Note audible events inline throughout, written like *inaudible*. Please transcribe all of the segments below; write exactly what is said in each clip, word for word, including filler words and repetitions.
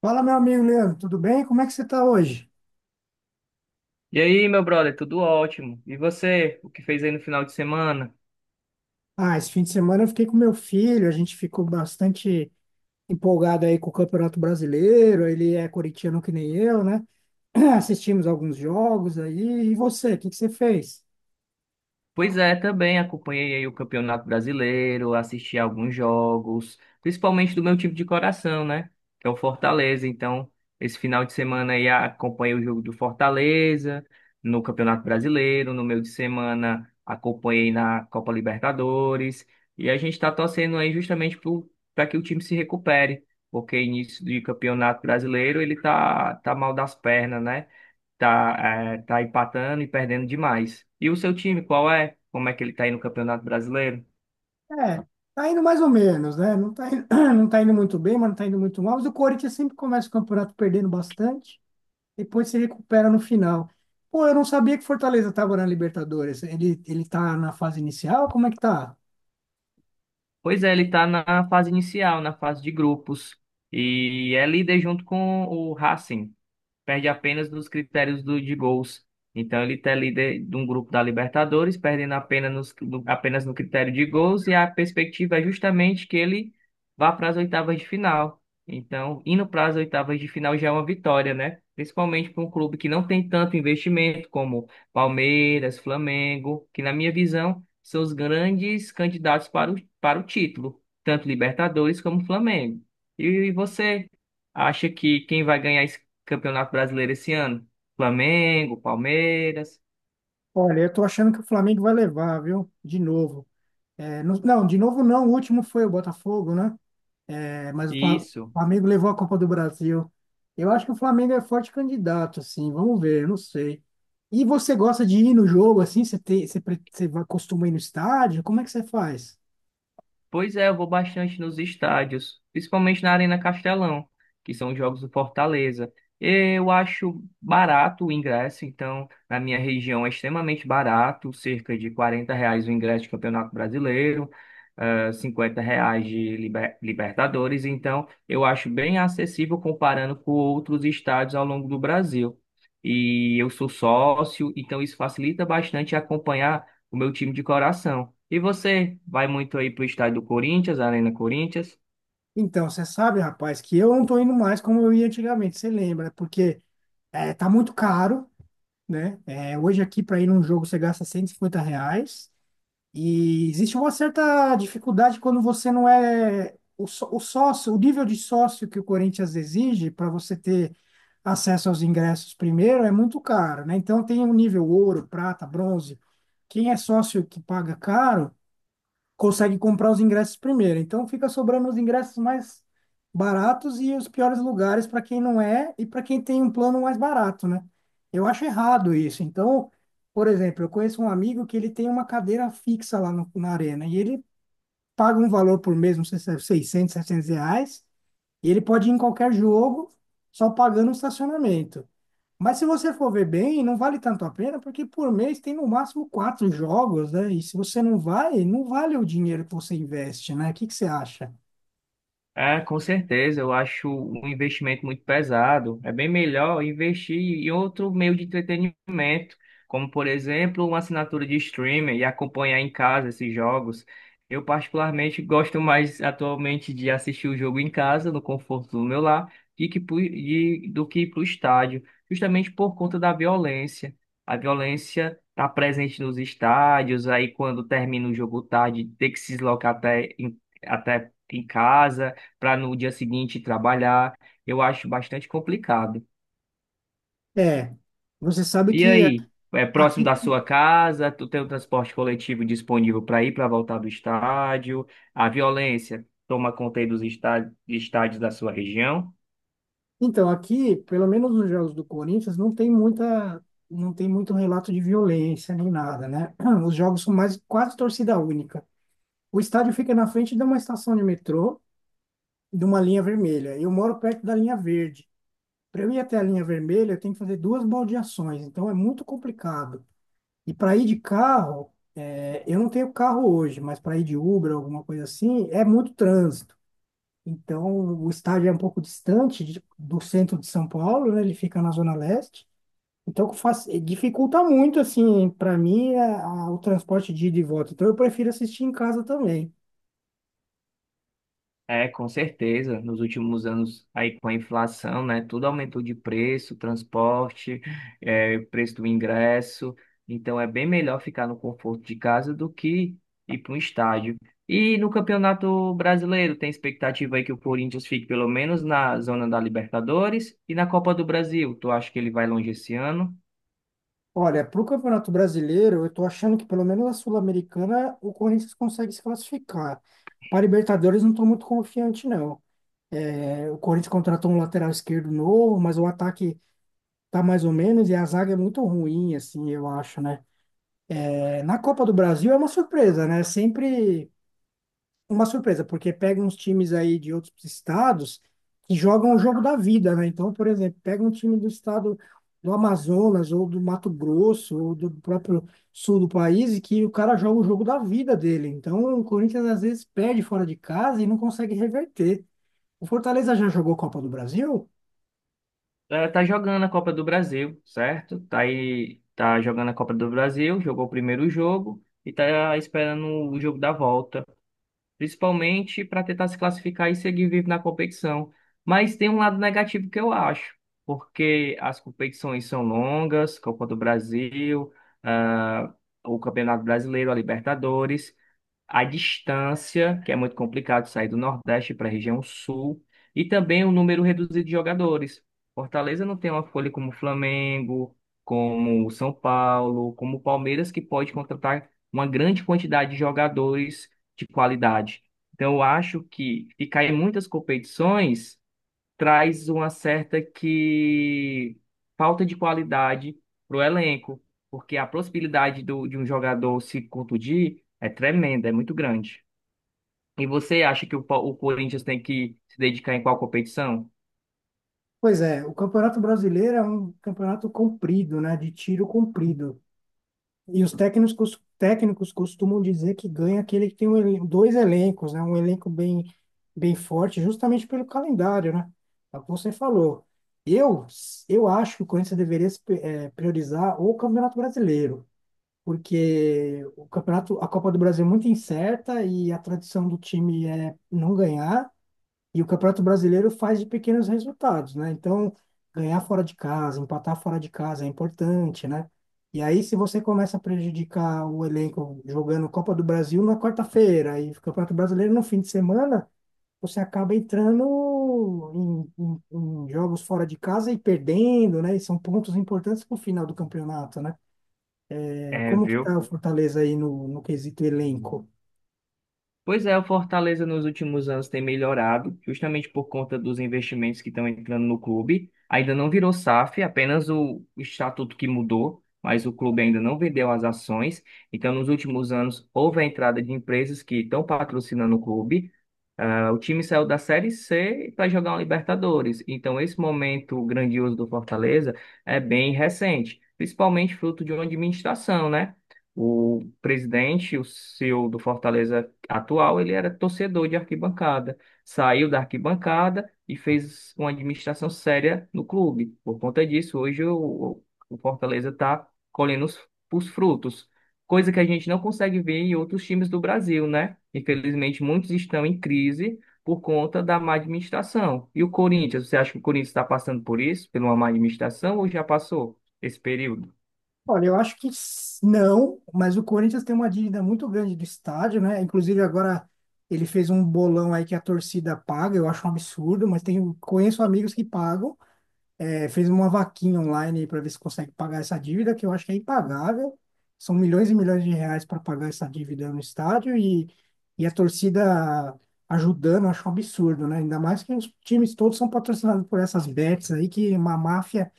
Fala, meu amigo Leandro, tudo bem? Como é que você está hoje? E aí, meu brother, tudo ótimo. E você, o que fez aí no final de semana? Ah, esse fim de semana eu fiquei com meu filho, a gente ficou bastante empolgado aí com o Campeonato Brasileiro, ele é corintiano que nem eu, né? *clears throat* Assistimos alguns jogos aí, e você, o que que você fez? Pois é, também acompanhei aí o Campeonato Brasileiro, assisti alguns jogos, principalmente do meu time de coração, né? Que é o Fortaleza. Então, esse final de semana aí acompanhei o jogo do Fortaleza no Campeonato Brasileiro, no meio de semana acompanhei na Copa Libertadores, e a gente está torcendo aí justamente para que o time se recupere. Porque início de campeonato brasileiro ele tá, tá mal das pernas, né? tá, é, tá empatando e perdendo demais. E o seu time, qual é? Como é que ele tá aí no Campeonato Brasileiro? É, tá indo mais ou menos, né? Não tá indo, *clears throat* não tá indo muito bem, mas não tá indo muito mal, mas o Corinthians sempre começa o campeonato perdendo bastante, depois se recupera no final. Pô, eu não sabia que Fortaleza estava na Libertadores, ele, ele tá na fase inicial, como é que tá? Pois é, ele tá na fase inicial, na fase de grupos. E é líder junto com o Racing. Perde apenas nos critérios do, de gols. Então ele está líder de um grupo da Libertadores, perdendo apenas, nos, no, apenas no critério de gols, e a perspectiva é justamente que ele vá para as oitavas de final. Então, indo para as oitavas de final já é uma vitória, né? Principalmente para um clube que não tem tanto investimento como Palmeiras, Flamengo, que na minha visão são os grandes candidatos para o, para o título, tanto Libertadores como Flamengo. E você acha que quem vai ganhar esse Campeonato Brasileiro esse ano. Flamengo, Palmeiras. Olha, eu tô achando que o Flamengo vai levar, viu? De novo. É, no- não, de novo não, o último foi o Botafogo, né? É, mas o Fla- o Isso. Flamengo levou a Copa do Brasil. Eu acho que o Flamengo é forte candidato, assim, vamos ver, eu não sei. E você gosta de ir no jogo, assim? Você, tem, você, pre- você vai- costuma ir no estádio? Como é que você faz? Pois é, eu vou bastante nos estádios, principalmente na Arena Castelão, que são os jogos do Fortaleza. Eu acho barato o ingresso, então na minha região é extremamente barato, cerca de quarenta reais o ingresso de Campeonato Brasileiro, eh, cinquenta reais de Liber- Libertadores, então eu acho bem acessível comparando com outros estádios ao longo do Brasil. E eu sou sócio, então isso facilita bastante acompanhar o meu time de coração. E você vai muito aí pro estádio do Corinthians, Arena Corinthians? Então, você sabe, rapaz, que eu não tô indo mais como eu ia antigamente, você lembra? Porque é, tá muito caro, né? É, hoje aqui para ir num jogo você gasta cento e cinquenta reais e existe uma certa dificuldade quando você não é o, só- o sócio, o nível de sócio que o Corinthians exige para você ter acesso aos ingressos primeiro é muito caro, né? Então tem o nível ouro, prata, bronze. Quem é sócio que paga caro consegue comprar os ingressos primeiro. Então fica sobrando os ingressos mais baratos e os piores lugares para quem não é e para quem tem um plano mais barato, né? Eu acho errado isso. Então, por exemplo, eu conheço um amigo que ele tem uma cadeira fixa lá no- na arena e ele paga um valor por mês, não sei se é seiscentos, setecentos reais, e ele pode ir em qualquer jogo, só pagando o estacionamento. Mas se você for ver bem, não vale tanto a pena, porque por mês tem no máximo quatro jogos, né? E se você não vai, não vale o dinheiro que você investe, né? O que que você acha? É, com certeza, eu acho um investimento muito pesado. É bem melhor investir em outro meio de entretenimento, como por exemplo, uma assinatura de streaming e acompanhar em casa esses jogos. Eu particularmente gosto mais atualmente de assistir o jogo em casa, no conforto do meu lar, e que pu- e- do que ir para o estádio, justamente por conta da violência. A violência está presente nos estádios, aí quando termina o jogo tarde, tem que se deslocar até em- até em casa para no dia seguinte trabalhar. Eu acho bastante complicado. É, você sabe E que a- aí, é próximo aqui, da sua casa? Tu tem o transporte coletivo disponível para ir para voltar do estádio? A violência toma conta aí dos estádios, estádios da sua região? então, aqui, pelo menos nos jogos do Corinthians, não tem muita, não tem muito relato de violência nem nada, né? *clears throat* Os jogos são mais quase torcida única. O estádio fica na frente de uma estação de metrô, de uma linha vermelha. Eu moro perto da linha verde. Para eu ir até a linha vermelha, eu tenho que fazer duas baldeações, então é muito complicado. E para ir de carro, é, eu não tenho carro hoje, mas para ir de Uber, alguma coisa assim, é muito trânsito. Então, o estádio é um pouco distante de- do centro de São Paulo, né? Ele fica na Zona Leste. Então, faz, dificulta muito, assim, para mim, a- a- o transporte de ida e volta. Então, eu prefiro assistir em casa também. É, com certeza. Nos últimos anos, aí com a inflação, né, tudo aumentou de preço, transporte, é, preço do ingresso. Então, é bem melhor ficar no conforto de casa do que ir para um estádio. E no Campeonato Brasileiro, tem expectativa aí que o Corinthians fique pelo menos na zona da Libertadores e na Copa do Brasil. Tu acha que ele vai longe esse ano? Olha, para o Campeonato Brasileiro, eu estou achando que pelo menos a Sul-Americana o Corinthians consegue se classificar. Para Libertadores, não estou muito confiante, não. É, o Corinthians contratou um lateral esquerdo novo, mas o ataque tá mais ou menos e a zaga é muito ruim, assim, eu acho, né? É, na Copa do Brasil é uma surpresa, né? Sempre uma surpresa, porque pega uns times aí de outros estados que jogam o jogo da vida, né? Então, por exemplo, pega um time do estado do Amazonas ou do Mato Grosso ou do próprio sul do país e que o cara joga o jogo da vida dele. Então, o Corinthians às vezes perde fora de casa e não consegue reverter. O Fortaleza já jogou Copa do Brasil? Ela tá jogando a Copa do Brasil, certo? Tá aí, tá jogando a Copa do Brasil, jogou o primeiro jogo e tá esperando o jogo da volta, principalmente para tentar se classificar e seguir vivo na competição. Mas tem um lado negativo que eu acho, porque as competições são longas, Copa do Brasil, ah, o Campeonato Brasileiro, a Libertadores, a distância, que é muito complicado sair do Nordeste para a região Sul, e também o número reduzido de jogadores. Fortaleza não tem uma folha como o Flamengo, como o São Paulo, como o Palmeiras, que pode contratar uma grande quantidade de jogadores de qualidade. Então, eu acho que ficar em muitas competições traz uma certa que falta de qualidade para o elenco, porque a possibilidade do, de um jogador se contundir é tremenda, é muito grande. E você acha que o, Pa- o Corinthians tem que se dedicar em qual competição? Pois é, o Campeonato Brasileiro é um campeonato comprido, né? De tiro comprido. E os técnicos, cos- técnicos costumam dizer que ganha aquele que tem um elen- dois elencos, né? Um elenco bem, bem forte, justamente pelo calendário, né? É o que você falou. Eu, eu acho que o Corinthians deveria se pri- eh, priorizar o Campeonato Brasileiro, porque o campeonato, a Copa do Brasil é muito incerta e a tradição do time é não ganhar. E o Campeonato Brasileiro faz de pequenos resultados, né? Então, ganhar fora de casa, empatar fora de casa é importante, né? E aí, se você começa a prejudicar o elenco jogando Copa do Brasil na quarta-feira e o Campeonato Brasileiro no fim de semana, você acaba entrando em, em- em jogos fora de casa e perdendo, né? E são pontos importantes para o final do campeonato, né? É, É, como que viu? tá o Fortaleza aí no, no quesito elenco? Pois é, o Fortaleza nos últimos anos tem melhorado, justamente por conta dos investimentos que estão entrando no clube. Ainda não virou SAF, apenas o o estatuto que mudou, mas o clube ainda não vendeu as ações. Então, nos últimos anos, houve a entrada de empresas que estão patrocinando o clube. Ah, o time saiu da Série C para jogar uma Libertadores. Então, esse momento grandioso do Fortaleza é bem recente, principalmente fruto de uma administração, né? O presidente, o cio do Fortaleza atual, ele era torcedor de arquibancada, saiu da arquibancada e fez uma administração séria no clube. Por conta disso, hoje o, o Fortaleza está colhendo os os frutos, coisa que a gente não consegue ver em outros times do Brasil, né? Infelizmente, muitos estão em crise por conta da má administração. E o Corinthians, você acha que o Corinthians está passando por isso, pela uma má administração, ou já passou esse período? Olha, eu acho que s- não, mas o Corinthians tem uma dívida muito grande do estádio, né? Inclusive agora ele fez um bolão aí que a torcida paga, eu acho um absurdo, mas tenho, conheço amigos que pagam é, fez uma vaquinha online para ver se consegue pagar essa dívida, que eu acho que é impagável. São milhões e milhões de reais para pagar essa dívida no estádio e, e a torcida ajudando, eu acho um absurdo, né? Ainda mais que os times todos são patrocinados por essas bets aí, que é uma máfia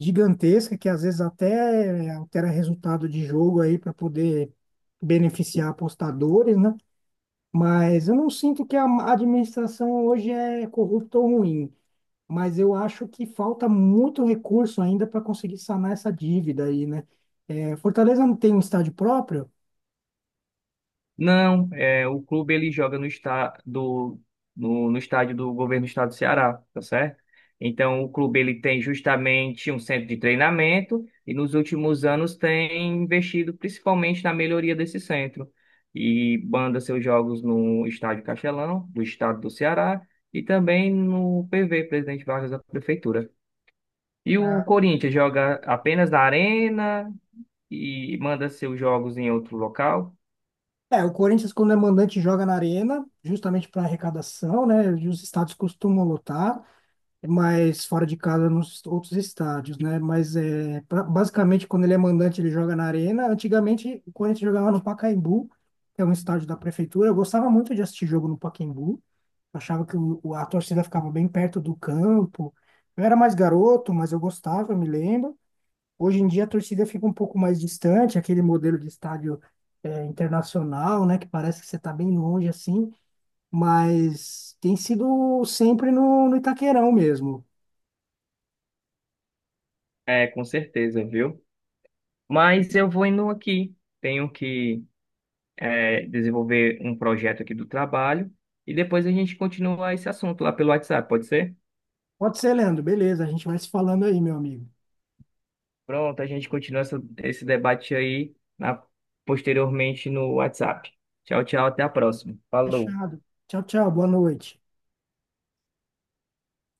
gigantesca que às vezes até altera resultado de jogo aí para poder beneficiar apostadores, né? Mas eu não sinto que a administração hoje é corrupta ou ruim, mas eu acho que falta muito recurso ainda para conseguir sanar essa dívida aí, né? É, Fortaleza não tem um estádio próprio. Não, é, o clube ele joga no, está, do, no, no estádio do governo do estado do Ceará, tá certo? Então, o clube ele tem justamente um centro de treinamento e nos últimos anos tem investido principalmente na melhoria desse centro e banda seus jogos no estádio Castelão, do estado do Ceará, e também no P V, Presidente Vargas da Prefeitura. E o Ah, Corinthians joga apenas na arena e manda seus jogos em outro local? é, o Corinthians, quando é mandante, joga na arena, justamente para arrecadação, né? E os estádios costumam lotar. Mas fora de casa nos outros estádios, né? Mas é, pra- basicamente quando ele é mandante ele joga na arena. Antigamente o Corinthians jogava no Pacaembu, que é um estádio da prefeitura. Eu gostava muito de assistir jogo no Pacaembu. Achava que o, o- a torcida ficava bem perto do campo. Eu era mais garoto, mas eu gostava, eu me lembro. Hoje em dia a torcida fica um pouco mais distante, aquele modelo de estádio é, internacional, né? Que parece que você está bem longe assim. Mas tem sido sempre no, no Itaquerão mesmo. É, com certeza, viu? Mas eu vou indo aqui. Tenho que é, desenvolver um projeto aqui do trabalho e depois a gente continua esse assunto lá pelo WhatsApp, pode ser? Pode ser, Leandro. Beleza, a gente vai se falando aí, meu amigo. Pronto, a gente continua essa- esse debate aí na- posteriormente no WhatsApp. Tchau, tchau, até a próxima. Falou. Fechado. Tchau, tchau. Boa noite.